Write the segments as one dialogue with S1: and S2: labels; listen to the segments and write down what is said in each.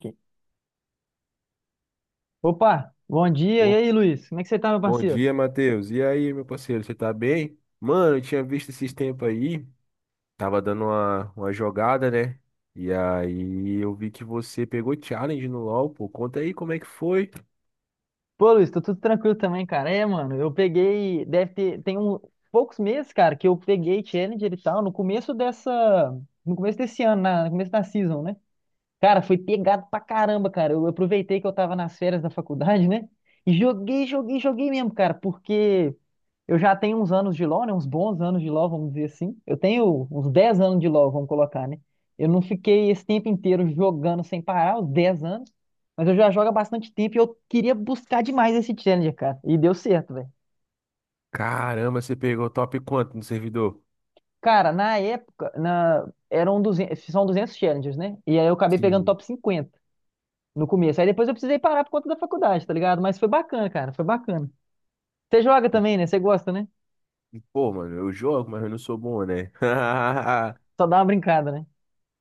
S1: Aqui. Opa, bom dia. E
S2: Ô,
S1: aí, Luiz? Como é que você tá, meu
S2: bom
S1: parceiro?
S2: dia, Matheus. E aí, meu parceiro, você tá bem? Mano, eu tinha visto esses tempos aí, tava dando uma jogada, né? E aí eu vi que você pegou challenge no LoL, pô. Conta aí como é que foi.
S1: Pô, Luiz, tô tudo tranquilo também, cara. É, mano, eu peguei, deve ter, tem um, poucos meses, cara, que eu peguei Challenger e tal, no começo desse ano, no começo da season, né? Cara, foi pegado pra caramba, cara. Eu aproveitei que eu tava nas férias da faculdade, né? E joguei, joguei, joguei mesmo, cara, porque eu já tenho uns anos de LoL, né? Uns bons anos de LoL, vamos dizer assim. Eu tenho uns 10 anos de LoL, vamos colocar, né? Eu não fiquei esse tempo inteiro jogando sem parar, os 10 anos, mas eu já jogo há bastante tempo e eu queria buscar demais esse challenger, cara. E deu certo, velho.
S2: Caramba, você pegou top quanto no servidor?
S1: Cara, na época, eram 200, são 200 challengers, né? E aí eu acabei pegando
S2: Sim.
S1: top 50. No começo. Aí depois eu precisei parar por conta da faculdade, tá ligado? Mas foi bacana, cara, foi bacana. Você joga também, né? Você gosta, né?
S2: Pô, mano, eu jogo, mas eu não sou bom, né?
S1: Só dá uma brincada, né?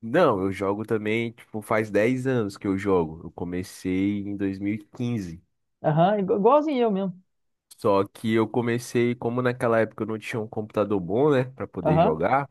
S2: Não, eu jogo também, tipo, faz 10 anos que eu jogo. Eu comecei em 2015.
S1: Aham, igualzinho eu mesmo.
S2: Só que eu comecei, como naquela época eu não tinha um computador bom, né, para poder
S1: Aham.
S2: jogar,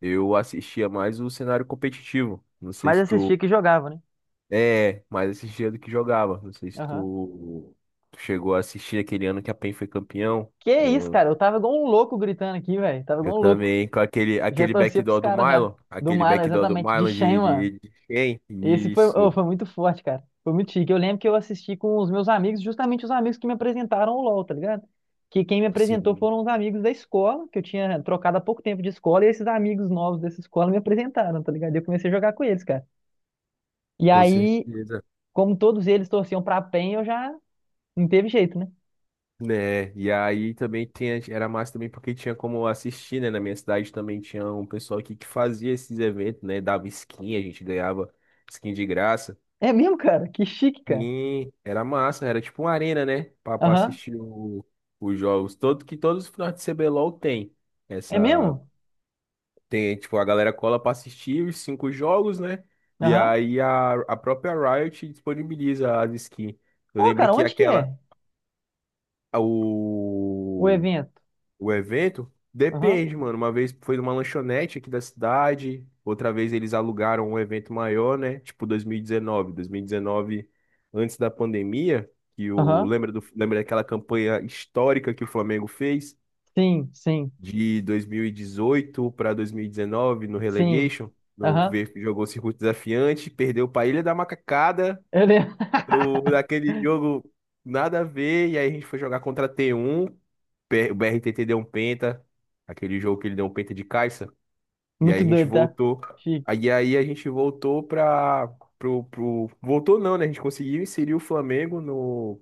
S2: eu assistia mais o cenário competitivo. Não sei
S1: Mas
S2: se
S1: assistia que jogava, né?
S2: mais assistia do que jogava. Não sei se
S1: Aham.
S2: tu chegou a assistir aquele ano que a PEN foi campeão
S1: Que isso,
S2: com
S1: cara? Eu tava igual um louco gritando aqui, velho. Tava
S2: eu
S1: igual um louco.
S2: também com aquele
S1: Já
S2: aquele
S1: torcia pros
S2: backdoor do
S1: caras já.
S2: Milo,
S1: Do
S2: aquele
S1: Milo,
S2: backdoor do
S1: exatamente. De
S2: Milo
S1: Shen,
S2: de
S1: mano.
S2: de, de quem?
S1: Esse foi, oh,
S2: Isso.
S1: foi muito forte, cara. Foi muito chique. Eu lembro que eu assisti com os meus amigos, justamente os amigos que me apresentaram o LoL, tá ligado? Que quem me apresentou
S2: Sim,
S1: foram os amigos da escola, que eu tinha trocado há pouco tempo de escola, e esses amigos novos dessa escola me apresentaram, tá ligado? E eu comecei a jogar com eles, cara. E
S2: com
S1: aí,
S2: certeza.
S1: como todos eles torciam pra PEN, eu já não teve jeito, né?
S2: Né, e aí também tinha, era massa também porque tinha como assistir, né? Na minha cidade também tinha um pessoal aqui que fazia esses eventos, né? Dava skin, a gente ganhava skin de graça.
S1: É mesmo, cara? Que chique, cara.
S2: E era massa, era tipo uma arena, né? Pra
S1: Aham.
S2: assistir os jogos. Que todos os finais de CBLOL tem.
S1: É
S2: Essa.
S1: mesmo?
S2: Tem, tipo, a galera cola pra assistir os cinco jogos, né? E
S1: Aham.
S2: aí a própria Riot disponibiliza as skins. Eu
S1: Ô,
S2: lembro
S1: cara,
S2: que
S1: onde que
S2: aquela.
S1: é o
S2: O.
S1: evento?
S2: O evento?
S1: Aham.
S2: Depende, mano. Uma vez foi numa lanchonete aqui da cidade, outra vez eles alugaram um evento maior, né? Tipo dois mil e dezenove. Dois mil e 2019, antes da pandemia, que o.
S1: Aham.
S2: Lembra daquela campanha histórica que o Flamengo fez?
S1: Sim, sim,
S2: De 2018 para 2019, no
S1: sim.
S2: Relegation? No
S1: Aham.
S2: ver jogou circuito desafiante, perdeu para Ilha da Macacada
S1: Eu lembro.
S2: daquele jogo nada a ver. E aí a gente foi jogar contra a T1. O BRTT deu um penta. Aquele jogo que ele deu um penta de caixa. E aí
S1: Muito
S2: a gente
S1: doido, tá?
S2: voltou.
S1: Chique.
S2: Aí a gente voltou pra. Voltou não, né? A gente conseguiu inserir o Flamengo no,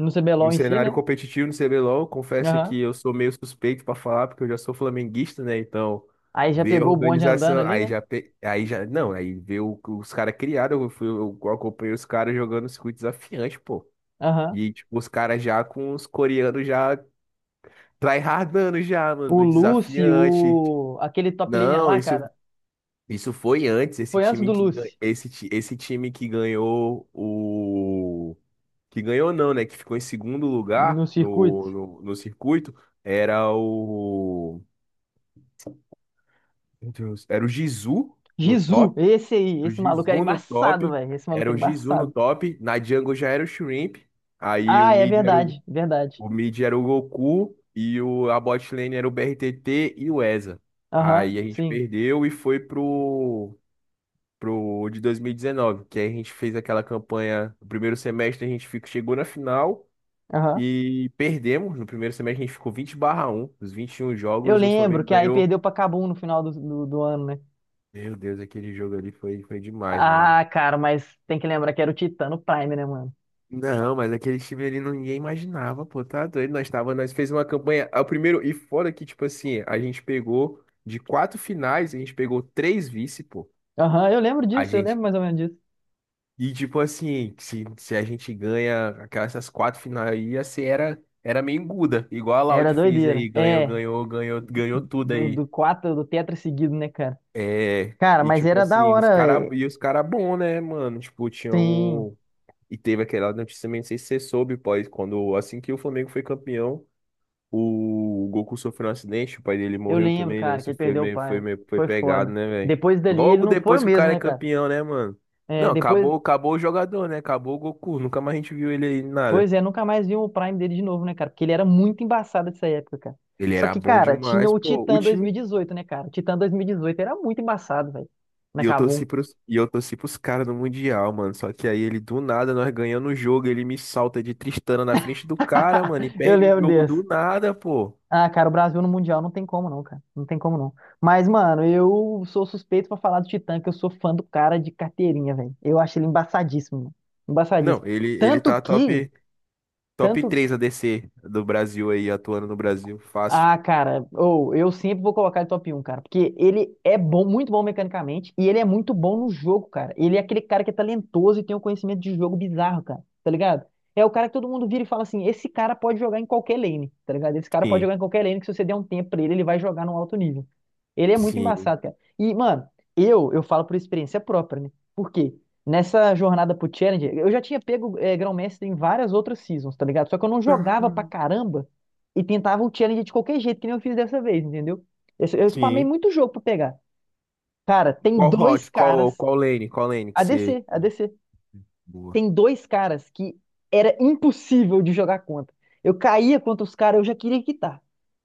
S1: No CBLOL
S2: no
S1: em si, né?
S2: cenário competitivo no CBLOL. Confesso
S1: Aham.
S2: que eu sou meio suspeito pra falar, porque eu já sou flamenguista, né? Então,
S1: Aí já
S2: ver a
S1: pegou o bonde andando
S2: organização.
S1: ali,
S2: Aí
S1: né?
S2: já. Aí já. Não, aí ver os caras criaram. Eu acompanhei os caras jogando circuito desafiante, pô.
S1: Aham.
S2: E, tipo, os caras já com os coreanos já tryhardando já, mano,
S1: O
S2: no
S1: Lucy,
S2: desafiante.
S1: aquele top laner
S2: Não,
S1: lá,
S2: isso,
S1: cara,
S2: isso foi antes, esse
S1: foi antes
S2: time
S1: do
S2: que,
S1: Lucy,
S2: esse, esse time que ganhou o... Que ganhou não, né? Que ficou em segundo lugar
S1: no circuito.
S2: no circuito. Era o... Meu Deus, era o Jizu no
S1: Jizu,
S2: top.
S1: esse aí,
S2: Era o
S1: esse maluco era
S2: Jizu no
S1: embaçado,
S2: top.
S1: velho. Esse maluco
S2: Era
S1: era
S2: o Jizu no
S1: embaçado.
S2: top. Na jungle já era o Shrimp. Aí o
S1: Ah, é
S2: mid era o
S1: verdade, verdade.
S2: O mid era o Goku e o, a bot lane era o BRTT e o EZA. Aí
S1: Aham,
S2: a gente
S1: sim.
S2: perdeu e foi pro, de 2019, que aí a gente fez aquela campanha. No primeiro semestre a gente ficou, chegou na final
S1: Aham.
S2: e perdemos. No primeiro semestre a gente ficou 20 barra 1. Os 21
S1: Eu
S2: jogos o
S1: lembro
S2: Flamengo
S1: que aí
S2: ganhou.
S1: perdeu pra Kabum no final do ano, né?
S2: Meu Deus, aquele jogo ali foi, demais, mano.
S1: Ah, cara, mas tem que lembrar que era o Titano Prime, né, mano?
S2: Não, mas aquele time ali ninguém imaginava, pô, tá doido. Nós tava, nós fez uma campanha, é o primeiro, e fora que, tipo assim, a gente pegou de quatro finais, a gente pegou três vice, pô.
S1: Aham, eu lembro
S2: A
S1: disso, eu
S2: gente,
S1: lembro mais ou menos disso.
S2: e tipo assim, se a gente ganha aquelas essas quatro finais aí, ia ser, era, era meio enguda, igual a Laude
S1: Era
S2: fez
S1: doideira.
S2: aí, ganhou,
S1: É,
S2: ganhou, ganhou, ganhou tudo
S1: do,
S2: aí.
S1: do quatro, do tetra seguido, né, cara?
S2: É,
S1: Cara,
S2: e
S1: mas
S2: tipo
S1: era da
S2: assim, os
S1: hora,
S2: cara,
S1: velho.
S2: e os cara bom, né, mano? Tipo,
S1: Sim,
S2: tinham e teve aquela notícia também, não sei se você soube, pô, quando, assim que o Flamengo foi campeão. O Goku sofreu um acidente, o pai dele
S1: eu
S2: morreu
S1: lembro,
S2: também, né?
S1: cara, que
S2: Isso
S1: ele
S2: foi
S1: perdeu o
S2: meio,
S1: pai.
S2: foi
S1: Foi
S2: pegado,
S1: foda.
S2: né, velho?
S1: Depois dali ele
S2: Logo
S1: não foi
S2: depois
S1: o
S2: que o
S1: mesmo,
S2: cara é
S1: né, cara?
S2: campeão, né, mano?
S1: É,
S2: Não,
S1: depois,
S2: acabou o jogador, né? Acabou o Goku. Nunca mais a gente viu ele aí, nada.
S1: pois é, nunca mais vi o Prime dele de novo, né, cara? Porque ele era muito embaçado dessa época, cara.
S2: Ele
S1: Só
S2: era
S1: que,
S2: bom
S1: cara, tinha
S2: demais,
S1: o
S2: pô. O
S1: Titã dois mil e
S2: time.
S1: dezoito né, cara? O Titã 2018 era muito embaçado, velho. Na Kabum.
S2: E eu torci pros caras no Mundial, mano. Só que aí ele, do nada, nós ganhando o jogo, ele me salta de Tristana na frente do cara, mano, e
S1: Eu
S2: perde o
S1: lembro
S2: jogo
S1: desse.
S2: do nada, pô.
S1: Ah, cara, o Brasil no Mundial não tem como não, cara. Não tem como não. Mas, mano, eu sou suspeito pra falar do Titã, que eu sou fã do cara de carteirinha, velho. Eu acho ele embaçadíssimo, mano.
S2: Não,
S1: Embaçadíssimo.
S2: ele
S1: Tanto
S2: tá
S1: que,
S2: top, top
S1: tanto
S2: 3 ADC do Brasil aí, atuando no Brasil. Fácil.
S1: Ah, cara, ou eu sempre vou colocar ele top 1, cara, porque ele é bom, muito bom mecanicamente e ele é muito bom no jogo, cara. Ele é aquele cara que é talentoso e tem um conhecimento de jogo bizarro, cara, tá ligado? É o cara que todo mundo vira e fala assim: esse cara pode jogar em qualquer lane, tá ligado? Esse cara pode
S2: Sim.
S1: jogar em qualquer lane que se você der um tempo pra ele, ele vai jogar num alto nível. Ele é muito
S2: Sim.
S1: embaçado, cara. E, mano, eu falo por experiência própria, né? Por quê? Nessa jornada pro Challenger, eu já tinha pego Grão-Mestre em várias outras seasons, tá ligado? Só que eu não jogava pra
S2: Aham.
S1: caramba e tentava o challenge de qualquer jeito, que nem eu fiz dessa vez, entendeu? Eu spamei
S2: Sim.
S1: muito jogo pra pegar. Cara, tem dois caras.
S2: Qual lane
S1: A
S2: que você,
S1: ADC, ADC.
S2: boa.
S1: Tem dois caras que era impossível de jogar contra. Eu caía contra os caras, eu já queria quitar.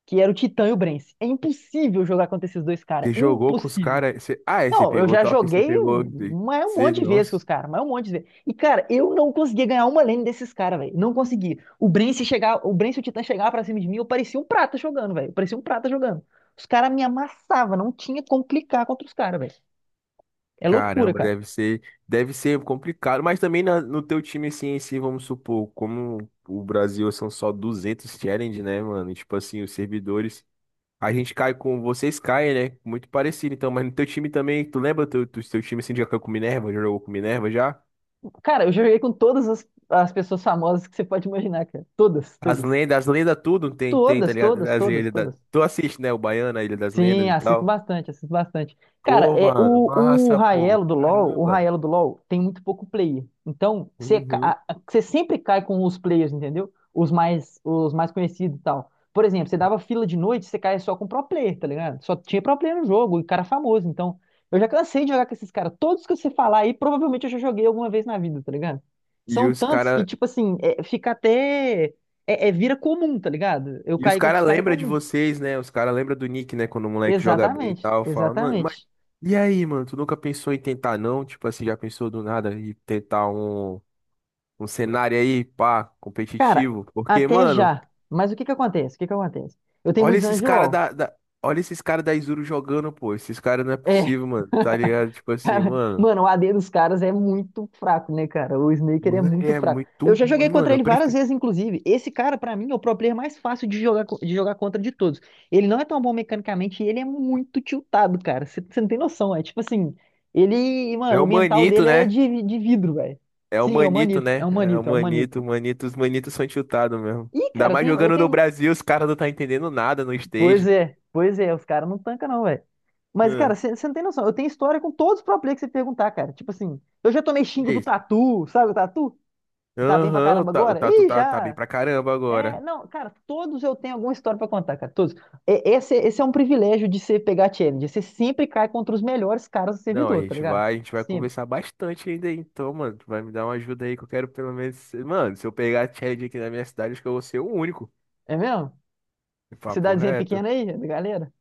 S1: Que era o Titã e o Brence. É impossível jogar contra esses dois caras.
S2: Você jogou com os
S1: Impossível.
S2: caras? Você... Ah, é, você
S1: Não, eu
S2: pegou
S1: já
S2: top, você
S1: joguei
S2: pegou.
S1: mas é um
S2: Você...
S1: monte de vezes com os
S2: Nossa,
S1: caras, mas é um monte de vezes. E, cara, eu não conseguia ganhar uma lane desses caras, velho. Não consegui. O Bren, chegar, o Bren, se o Titã chegava pra cima de mim, eu parecia um prata jogando, velho. Eu parecia um prata jogando. Os caras me amassavam, não tinha como clicar contra os caras, velho. É loucura,
S2: caramba,
S1: cara.
S2: deve ser complicado. Mas também no teu time, assim, em si, vamos supor, como o Brasil são só 200 challenge, né, mano? E, tipo assim, os servidores. A gente cai com. Vocês caem, né? Muito parecido, então. Mas no teu time também, tu lembra do teu time assim, já caiu com Minerva? Já jogou com Minerva já?
S1: Cara, eu joguei com todas as, as pessoas famosas que você pode imaginar, cara. Todas, todas.
S2: As lendas tudo tem, tá
S1: Todas,
S2: ligado?
S1: todas,
S2: As
S1: todas,
S2: lendas
S1: todas.
S2: tu assiste, né? O Baiano, a Ilha das
S1: Sim,
S2: Lendas e
S1: assisto
S2: tal.
S1: bastante, assisto bastante. Cara,
S2: Pô,
S1: é,
S2: mano,
S1: o
S2: massa, pô.
S1: Raelo do LoL, o
S2: Caramba.
S1: Raelo do LoL tem muito pouco player. Então, você ca-
S2: Uhum.
S1: a- você sempre cai com os players, entendeu? Os mais conhecidos e tal. Por exemplo, você dava fila de noite, você caia só com pro player, tá ligado? Só tinha pro player no jogo, e cara famoso. Então, eu já cansei de jogar com esses caras. Todos que você falar aí, provavelmente eu já joguei alguma vez na vida, tá ligado?
S2: E
S1: São
S2: os
S1: tantos que,
S2: cara,
S1: tipo assim, é, fica até. É, é- vira comum, tá ligado? Eu
S2: e os
S1: cair contra
S2: cara
S1: os caras é
S2: lembra de
S1: comum.
S2: vocês, né? Os cara lembra do Nick, né? Quando o moleque joga bem e
S1: Exatamente,
S2: tal, fala, mano, mas
S1: exatamente.
S2: e aí, mano? Tu nunca pensou em tentar, não? Tipo assim, já pensou do nada em tentar um cenário aí, pá,
S1: Cara,
S2: competitivo? Porque,
S1: até
S2: mano,
S1: já. Mas o que que acontece? O que que acontece? Eu tenho
S2: olha
S1: muitos anos
S2: esses
S1: de
S2: cara
S1: LoL.
S2: da, da- olha esses cara da Izuru jogando, pô. Esses cara não é
S1: É,
S2: possível, mano. Tá ligado? Tipo assim,
S1: cara,
S2: mano.
S1: mano, o A d dos caras é muito fraco, né, cara? O Snaker é
S2: Mano, ele
S1: muito
S2: é
S1: fraco.
S2: muito
S1: Eu já
S2: ruim,
S1: joguei contra
S2: mano. Eu
S1: ele várias
S2: prefiro.
S1: vezes, inclusive. Esse cara, pra mim, é o pro player mais fácil de jogar, de jogar contra de todos. Ele não é tão bom mecanicamente e ele é muito tiltado, cara. Você não tem noção, é tipo assim, ele,
S2: É
S1: mano, o
S2: o
S1: mental
S2: Manito,
S1: dele é
S2: né?
S1: de vidro, velho.
S2: É o
S1: Sim, é um
S2: Manito,
S1: manito, é
S2: né?
S1: um
S2: É o
S1: manito, é um manito.
S2: Manito, Manito. Os Manitos são chutados mesmo.
S1: Ih,
S2: Ainda
S1: cara,
S2: mais
S1: eu
S2: jogando no
S1: tenho
S2: Brasil, os caras não tá entendendo nada no stage.
S1: Pois é, os caras não tancam não, velho. Mas, cara,
S2: Hã,
S1: você não tem noção, eu tenho história com todos os pro player que você perguntar, cara. Tipo assim, eu já tomei xingo
S2: que
S1: do
S2: isso?
S1: Tatu, sabe o Tatu? Que tá bem pra
S2: Aham,
S1: caramba
S2: O
S1: agora?
S2: Tatu
S1: Ih,
S2: tá, tá bem
S1: já!
S2: pra caramba
S1: É,
S2: agora.
S1: não, cara, todos eu tenho alguma história pra contar, cara, todos. É, esse é um privilégio de você pegar challenge, você sempre cai contra os melhores caras do
S2: Não,
S1: servidor, tá ligado?
S2: a gente vai
S1: Sempre.
S2: conversar bastante ainda, aí. Então, mano, tu vai me dar uma ajuda aí que eu quero pelo menos. Mano, se eu pegar a Chad aqui na minha cidade, acho que eu vou ser o único.
S1: É mesmo?
S2: Papo
S1: Cidadezinha
S2: reto.
S1: pequena aí, galera?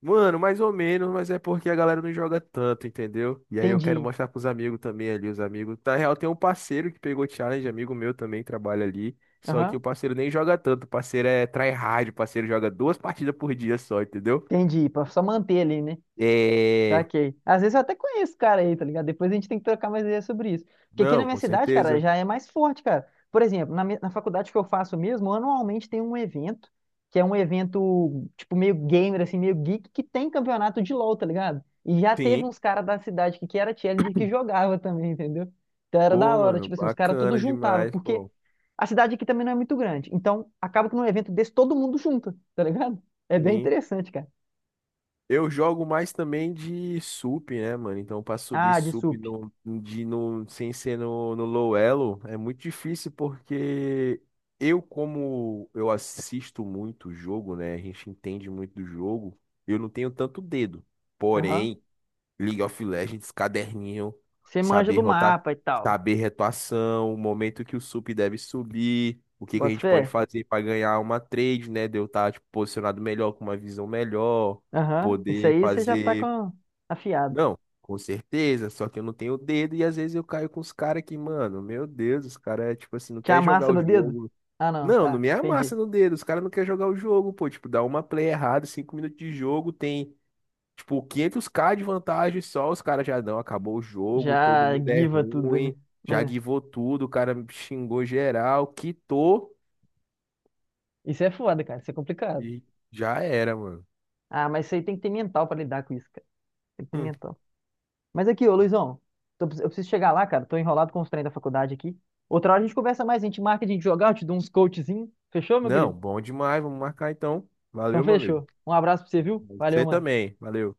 S2: Mano, mais ou menos, mas é porque a galera não joga tanto, entendeu? E aí eu quero
S1: Entendi.
S2: mostrar pros amigos também ali, os amigos. Na real, tem um parceiro que pegou challenge, amigo meu também trabalha ali. Só que
S1: Aham,
S2: o parceiro nem joga tanto, o parceiro é tryhard, o parceiro joga duas partidas por dia só, entendeu?
S1: entendi, pra só manter ali, né?
S2: É.
S1: Saquei. Às vezes eu até conheço o cara aí, tá ligado? Depois a gente tem que trocar mais ideias sobre isso. Porque aqui na
S2: Não,
S1: minha
S2: com
S1: cidade, cara,
S2: certeza.
S1: já é mais forte, cara. Por exemplo, na, mi- na faculdade que eu faço mesmo, anualmente tem um evento, que é um evento, tipo, meio gamer, assim, meio geek, que tem campeonato de LoL, tá ligado? E já teve
S2: Sim.
S1: uns caras da cidade que era challenger que jogava também, entendeu? Então era da
S2: Pô,
S1: hora,
S2: mano,
S1: tipo assim, os caras tudo
S2: bacana
S1: juntava,
S2: demais,
S1: porque
S2: pô.
S1: a cidade aqui também não é muito grande. Então acaba que num evento desse todo mundo junta, tá ligado? É bem
S2: Sim.
S1: interessante, cara.
S2: Eu jogo mais também de sup, né, mano? Então, pra subir
S1: Ah, de
S2: sup
S1: sup.
S2: no, de, no, sem ser no, no low elo é muito difícil porque eu, como eu assisto muito o jogo, né? A gente entende muito do jogo, eu não tenho tanto dedo.
S1: Aham.
S2: Porém. League of Legends, caderninho,
S1: Você manja
S2: saber
S1: do
S2: rotar,
S1: mapa e tal.
S2: saber retuação, o momento que o sup deve subir, o que que a
S1: Bota
S2: gente pode
S1: fé?
S2: fazer para ganhar uma trade, né? De eu estar tipo, posicionado melhor, com uma visão melhor,
S1: Aham. Isso
S2: poder
S1: aí você já tá
S2: fazer.
S1: com afiado.
S2: Não, com certeza, só que eu não tenho o dedo e às vezes eu caio com os caras que, mano, meu Deus, os caras, tipo assim, não
S1: Já
S2: quer jogar
S1: amassa
S2: o
S1: no dedo?
S2: jogo.
S1: Ah, não,
S2: Não, não
S1: tá.
S2: me amassa
S1: Entendi.
S2: no dedo, os caras não querem jogar o jogo, pô, tipo, dá uma play errada, cinco minutos de jogo, tem tipo, 500K de vantagem só, os caras já não, acabou o jogo, todo
S1: Já
S2: mundo é
S1: guiva tudo,
S2: ruim, já
S1: né? É.
S2: guivou tudo, o cara xingou geral, quitou
S1: Isso é foda, cara. Isso é complicado.
S2: e já era, mano.
S1: Ah, mas isso aí tem que ter mental pra lidar com isso, cara. Tem que ter
S2: Hum.
S1: mental. Mas aqui, ô Luizão, eu preciso chegar lá, cara. Tô enrolado com os treinos da faculdade aqui. Outra hora a gente conversa mais, a gente marca de jogar, eu te dou uns coachzinho. Fechou, meu
S2: Não,
S1: querido?
S2: bom demais, vamos marcar então.
S1: Então
S2: Valeu, meu amigo.
S1: fechou. Um abraço pra você, viu? Valeu,
S2: Você
S1: mano.
S2: também, valeu.